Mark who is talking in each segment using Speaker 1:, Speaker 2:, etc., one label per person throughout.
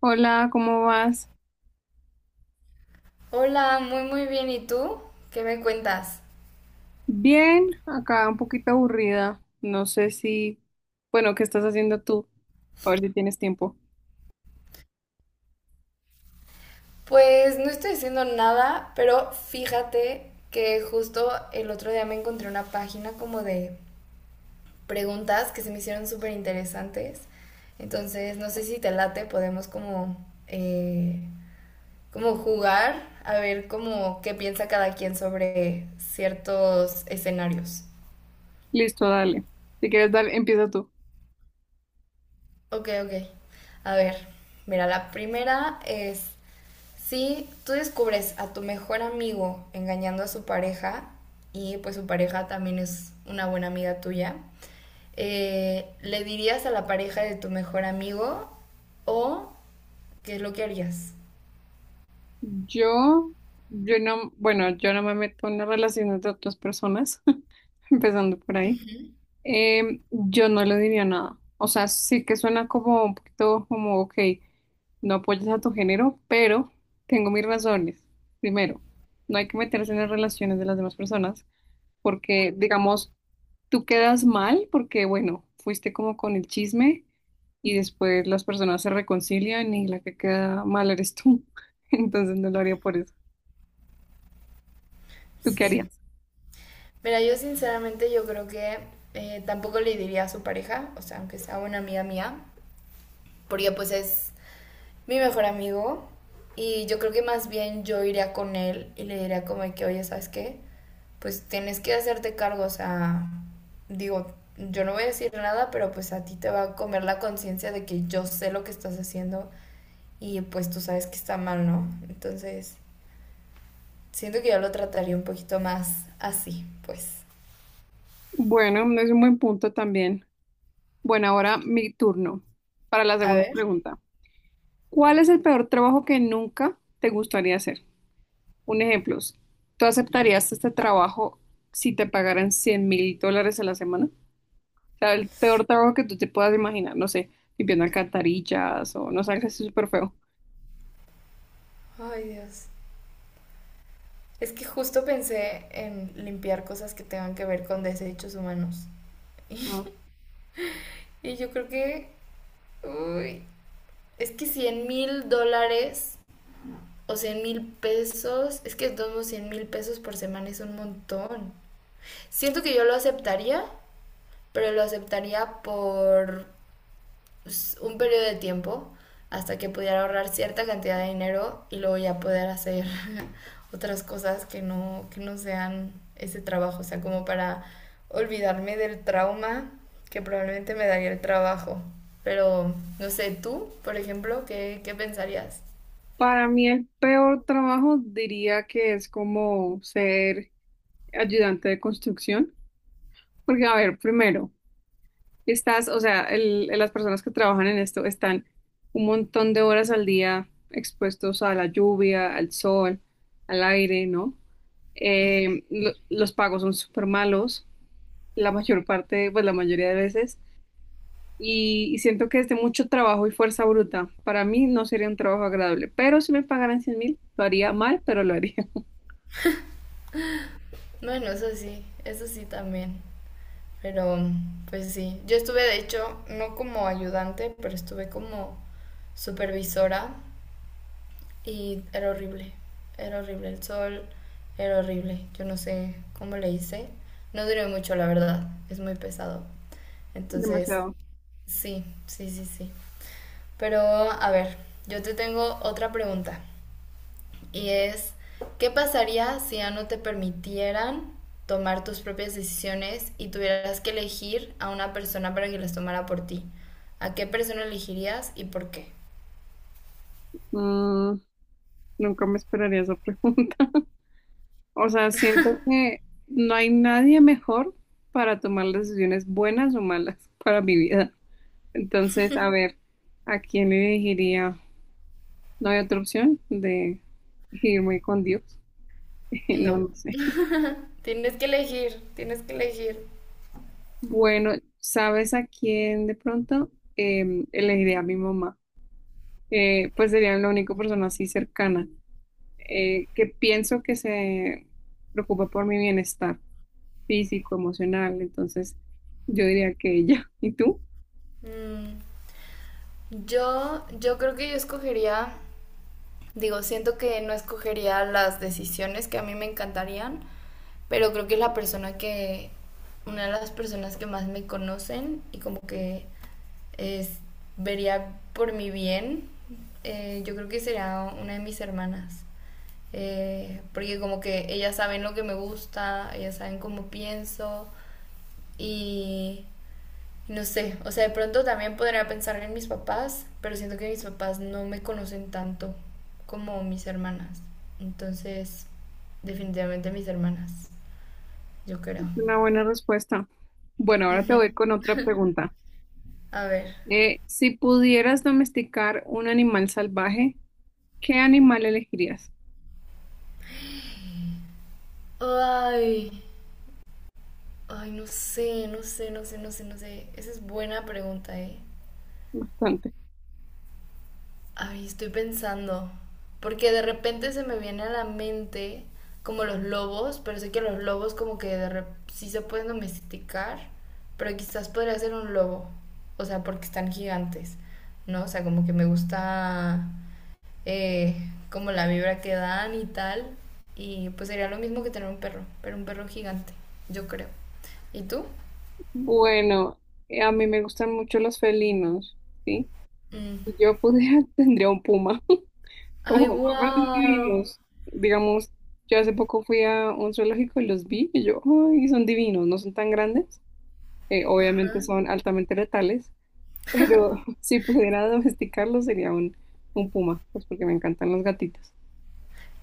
Speaker 1: Hola, ¿cómo vas?
Speaker 2: Hola, muy muy bien. ¿Y tú? ¿Qué me cuentas?
Speaker 1: Bien, acá un poquito aburrida. No sé si, bueno, ¿qué estás haciendo tú? A ver si tienes tiempo.
Speaker 2: Pues no estoy haciendo nada, pero fíjate que justo el otro día me encontré una página como de preguntas que se me hicieron súper interesantes. Entonces, no sé si te late, podemos como, eh, como jugar a ver como qué piensa cada quien sobre ciertos escenarios.
Speaker 1: Listo, dale. Si quieres, dale, empieza tú.
Speaker 2: Ok, ok. A ver, mira, la primera es, si tú descubres a tu mejor amigo engañando a su pareja y pues su pareja también es una buena amiga tuya, ¿le dirías a la pareja de tu mejor amigo o qué es lo que harías?
Speaker 1: Yo, yo no, bueno, yo no me meto en las relaciones de otras personas, empezando por ahí. Yo no le diría nada. O sea, sí que suena como un poquito como, ok, no apoyas a tu género, pero tengo mis razones. Primero, no hay que meterse en las relaciones de las demás personas, porque, digamos, tú quedas mal porque, bueno, fuiste como con el chisme y después las personas se reconcilian y la que queda mal eres tú. Entonces no lo haría por eso. ¿Tú qué
Speaker 2: Sí.
Speaker 1: harías?
Speaker 2: Mira, yo sinceramente yo creo que tampoco le diría a su pareja, o sea, aunque sea una amiga mía, porque pues es mi mejor amigo y yo creo que más bien yo iría con él y le diría como que, oye, ¿sabes qué? Pues tienes que hacerte cargo, o sea, digo, yo no voy a decir nada, pero pues a ti te va a comer la conciencia de que yo sé lo que estás haciendo y pues tú sabes que está mal, ¿no? Entonces, siento que yo lo trataría un poquito más así, pues.
Speaker 1: Bueno, es un buen punto también. Bueno, ahora mi turno para la
Speaker 2: A
Speaker 1: segunda
Speaker 2: ver.
Speaker 1: pregunta. ¿Cuál es el peor trabajo que nunca te gustaría hacer? Un ejemplo, ¿tú aceptarías este trabajo si te pagaran 100 mil dólares a la semana? Sea, el peor trabajo que tú te puedas imaginar, no sé, limpiando alcantarillas o no sé, algo así súper feo.
Speaker 2: Ay, Dios. Es que justo pensé en limpiar cosas que tengan que ver con desechos humanos.
Speaker 1: Ah.
Speaker 2: Y yo creo que... Uy, es que 100.000 dólares o 100.000 pesos, es que todos 100.000 pesos por semana es un montón. Siento que yo lo aceptaría, pero lo aceptaría por un periodo de tiempo hasta que pudiera ahorrar cierta cantidad de dinero y luego ya poder hacer otras cosas que no sean ese trabajo, o sea, como para olvidarme del trauma que probablemente me daría el trabajo. Pero, no sé, tú, por ejemplo, ¿qué pensarías?
Speaker 1: Para mí el peor trabajo diría que es como ser ayudante de construcción, porque a ver, primero, estás, o sea, las personas que trabajan en esto están un montón de horas al día expuestos a la lluvia, al sol, al aire, ¿no? Los pagos son súper malos, la mayor parte, pues la mayoría de veces. Y siento que es de mucho trabajo y fuerza bruta. Para mí no sería un trabajo agradable, pero si me pagaran 100 mil, lo haría mal, pero lo haría.
Speaker 2: Bueno, eso sí también. Pero pues sí, yo estuve de hecho no como ayudante, pero estuve como supervisora y era horrible el sol, era horrible. Yo no sé cómo le hice. No duré mucho, la verdad, es muy pesado. Entonces,
Speaker 1: Demasiado.
Speaker 2: sí, sí, sí, sí. Pero a ver, yo te tengo otra pregunta y es, ¿qué pasaría si ya no te permitieran tomar tus propias decisiones y tuvieras que elegir a una persona para que las tomara por ti? ¿A qué persona elegirías y por qué?
Speaker 1: Mm, nunca me esperaría esa pregunta. O sea, siento que no hay nadie mejor para tomar las decisiones buenas o malas para mi vida. Entonces, a ver, ¿a quién le elegiría? No hay otra opción de irme con Dios. No,
Speaker 2: No,
Speaker 1: no sé.
Speaker 2: tienes que elegir, tienes que elegir.
Speaker 1: Bueno, ¿sabes a quién de pronto? Elegiré a mi mamá. Pues sería la única persona así cercana, que pienso que se preocupa por mi bienestar físico, emocional. Entonces, yo diría que ella. ¿Y tú?
Speaker 2: Mm, yo creo que yo escogería. Digo, siento que no escogería las decisiones que a mí me encantarían, pero creo que es la persona que, una de las personas que más me conocen y como que es, vería por mi bien, yo creo que será una de mis hermanas. Porque como que ellas saben lo que me gusta, ellas saben cómo pienso y no sé, o sea, de pronto también podría pensar en mis papás, pero siento que mis papás no me conocen tanto como mis hermanas. Entonces, definitivamente mis hermanas, yo creo.
Speaker 1: Una buena respuesta. Bueno, ahora te voy con otra pregunta.
Speaker 2: A ver.
Speaker 1: Si pudieras domesticar un animal salvaje, ¿qué animal elegirías?
Speaker 2: Ay, ay, no sé, no sé, no sé, no sé, no sé. Esa es buena pregunta, ¿eh?
Speaker 1: Bastante.
Speaker 2: Ay, estoy pensando. Porque de repente se me viene a la mente como los lobos, pero sé que los lobos como que sí se pueden domesticar, pero quizás podría ser un lobo. O sea, porque están gigantes, ¿no? O sea, como que me gusta eh, como la vibra que dan y tal. Y pues sería lo mismo que tener un perro, pero un perro gigante, yo creo. ¿Y tú?
Speaker 1: Bueno, a mí me gustan mucho los felinos, ¿sí?
Speaker 2: Mm.
Speaker 1: Si yo pudiera, tendría un puma.
Speaker 2: Ay,
Speaker 1: Aparte son
Speaker 2: wow.
Speaker 1: divinos. Digamos, yo hace poco fui a un zoológico y los vi y yo, ay, son divinos, no son tan grandes. Obviamente son altamente letales, pero si pudiera domesticarlos sería un puma, pues porque me encantan los gatitos.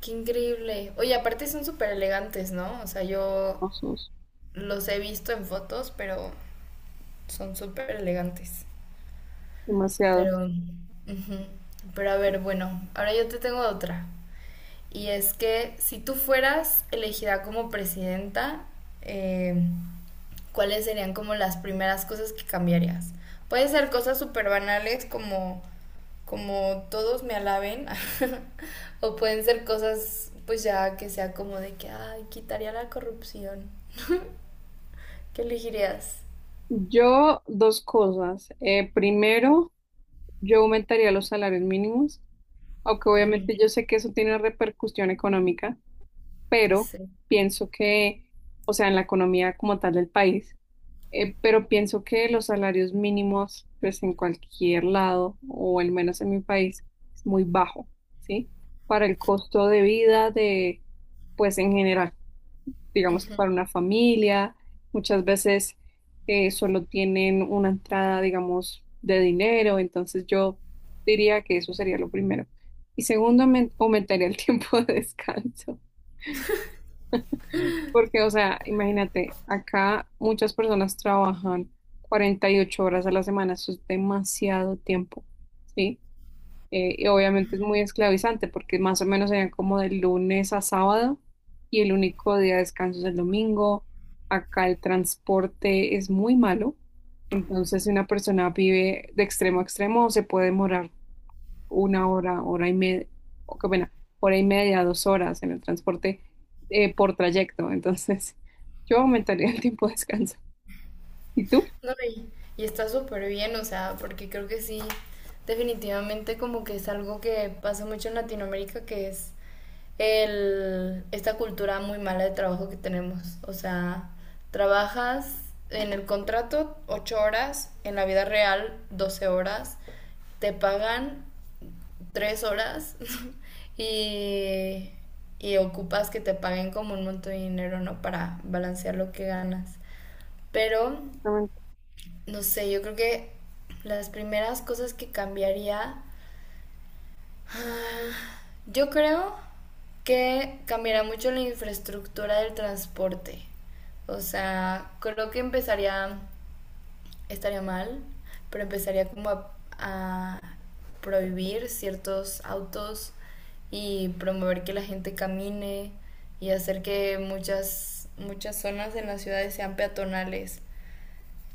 Speaker 2: Qué increíble. Oye, aparte son súper elegantes, ¿no? O sea, yo
Speaker 1: Hermosos,
Speaker 2: los he visto en fotos, pero son súper elegantes.
Speaker 1: demasiado.
Speaker 2: Pero, ujú. Pero a ver, bueno, ahora yo te tengo otra. Y es que si tú fueras elegida como presidenta, eh, ¿cuáles serían como las primeras cosas que cambiarías? Puede ser cosas súper banales como, como todos me alaben, o pueden ser cosas pues ya que sea como de que, ay, quitaría la corrupción. ¿Qué elegirías?
Speaker 1: Yo, dos cosas. Primero, yo aumentaría los salarios mínimos, aunque
Speaker 2: Ujú,
Speaker 1: obviamente yo sé que eso tiene repercusión económica. Pero
Speaker 2: sí.
Speaker 1: pienso que, o sea, en la economía como tal del país, pero pienso que los salarios mínimos, pues en cualquier lado, o al menos en mi país, es muy bajo, ¿sí? Para el costo de vida de, pues en general, digamos que para una familia, muchas veces solo tienen una entrada, digamos, de dinero, entonces yo diría que eso sería lo primero. Y segundo, aumentaría el tiempo de descanso. Porque, o sea, imagínate, acá muchas personas trabajan 48 horas a la semana, eso es demasiado tiempo, ¿sí? Y obviamente es muy esclavizante porque más o menos serían como de lunes a sábado y el único día de descanso es el domingo. Acá el transporte es muy malo, entonces si una persona vive de extremo a extremo se puede demorar 1 hora, hora y media, o qué pena, hora y media, 2 horas en el transporte por trayecto. Entonces, yo aumentaría el tiempo de descanso. ¿Y tú?
Speaker 2: No, y está súper bien, o sea, porque creo que sí, definitivamente como que es algo que pasa mucho en Latinoamérica, que es esta cultura muy mala de trabajo que tenemos. O sea, trabajas en el contrato 8 horas, en la vida real 12 horas, te pagan 3 horas y, y ocupas que te paguen como un montón de dinero, ¿no? Para balancear lo que ganas. Pero
Speaker 1: Exactamente.
Speaker 2: no sé, yo creo que las primeras cosas que cambiaría, yo creo que cambiaría mucho la infraestructura del transporte. O sea, creo que empezaría, estaría mal, pero empezaría como a prohibir ciertos autos y promover que la gente camine y hacer que muchas, muchas zonas en las ciudades sean peatonales.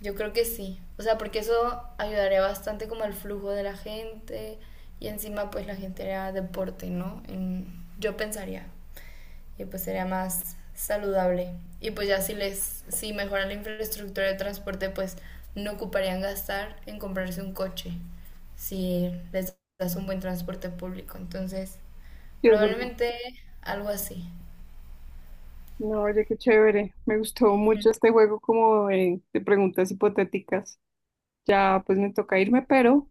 Speaker 2: Yo creo que sí. O sea, porque eso ayudaría bastante como el flujo de la gente y encima pues la gente haría deporte, ¿no? Yo pensaría. Y pues sería más saludable. Y pues ya si les, si mejoran la infraestructura de transporte, pues no ocuparían gastar en comprarse un coche si les das un buen transporte público. Entonces,
Speaker 1: Sí, es verdad.
Speaker 2: probablemente algo así.
Speaker 1: No, oye, qué chévere. Me gustó mucho este juego como de preguntas hipotéticas. Ya pues me toca irme, pero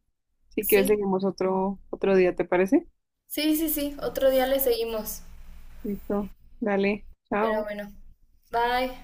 Speaker 1: si quieres
Speaker 2: Sí,
Speaker 1: seguimos otro día, ¿te parece?
Speaker 2: sí, sí, sí. Otro día le seguimos.
Speaker 1: Listo. Dale,
Speaker 2: Pero
Speaker 1: chao.
Speaker 2: bueno, bye.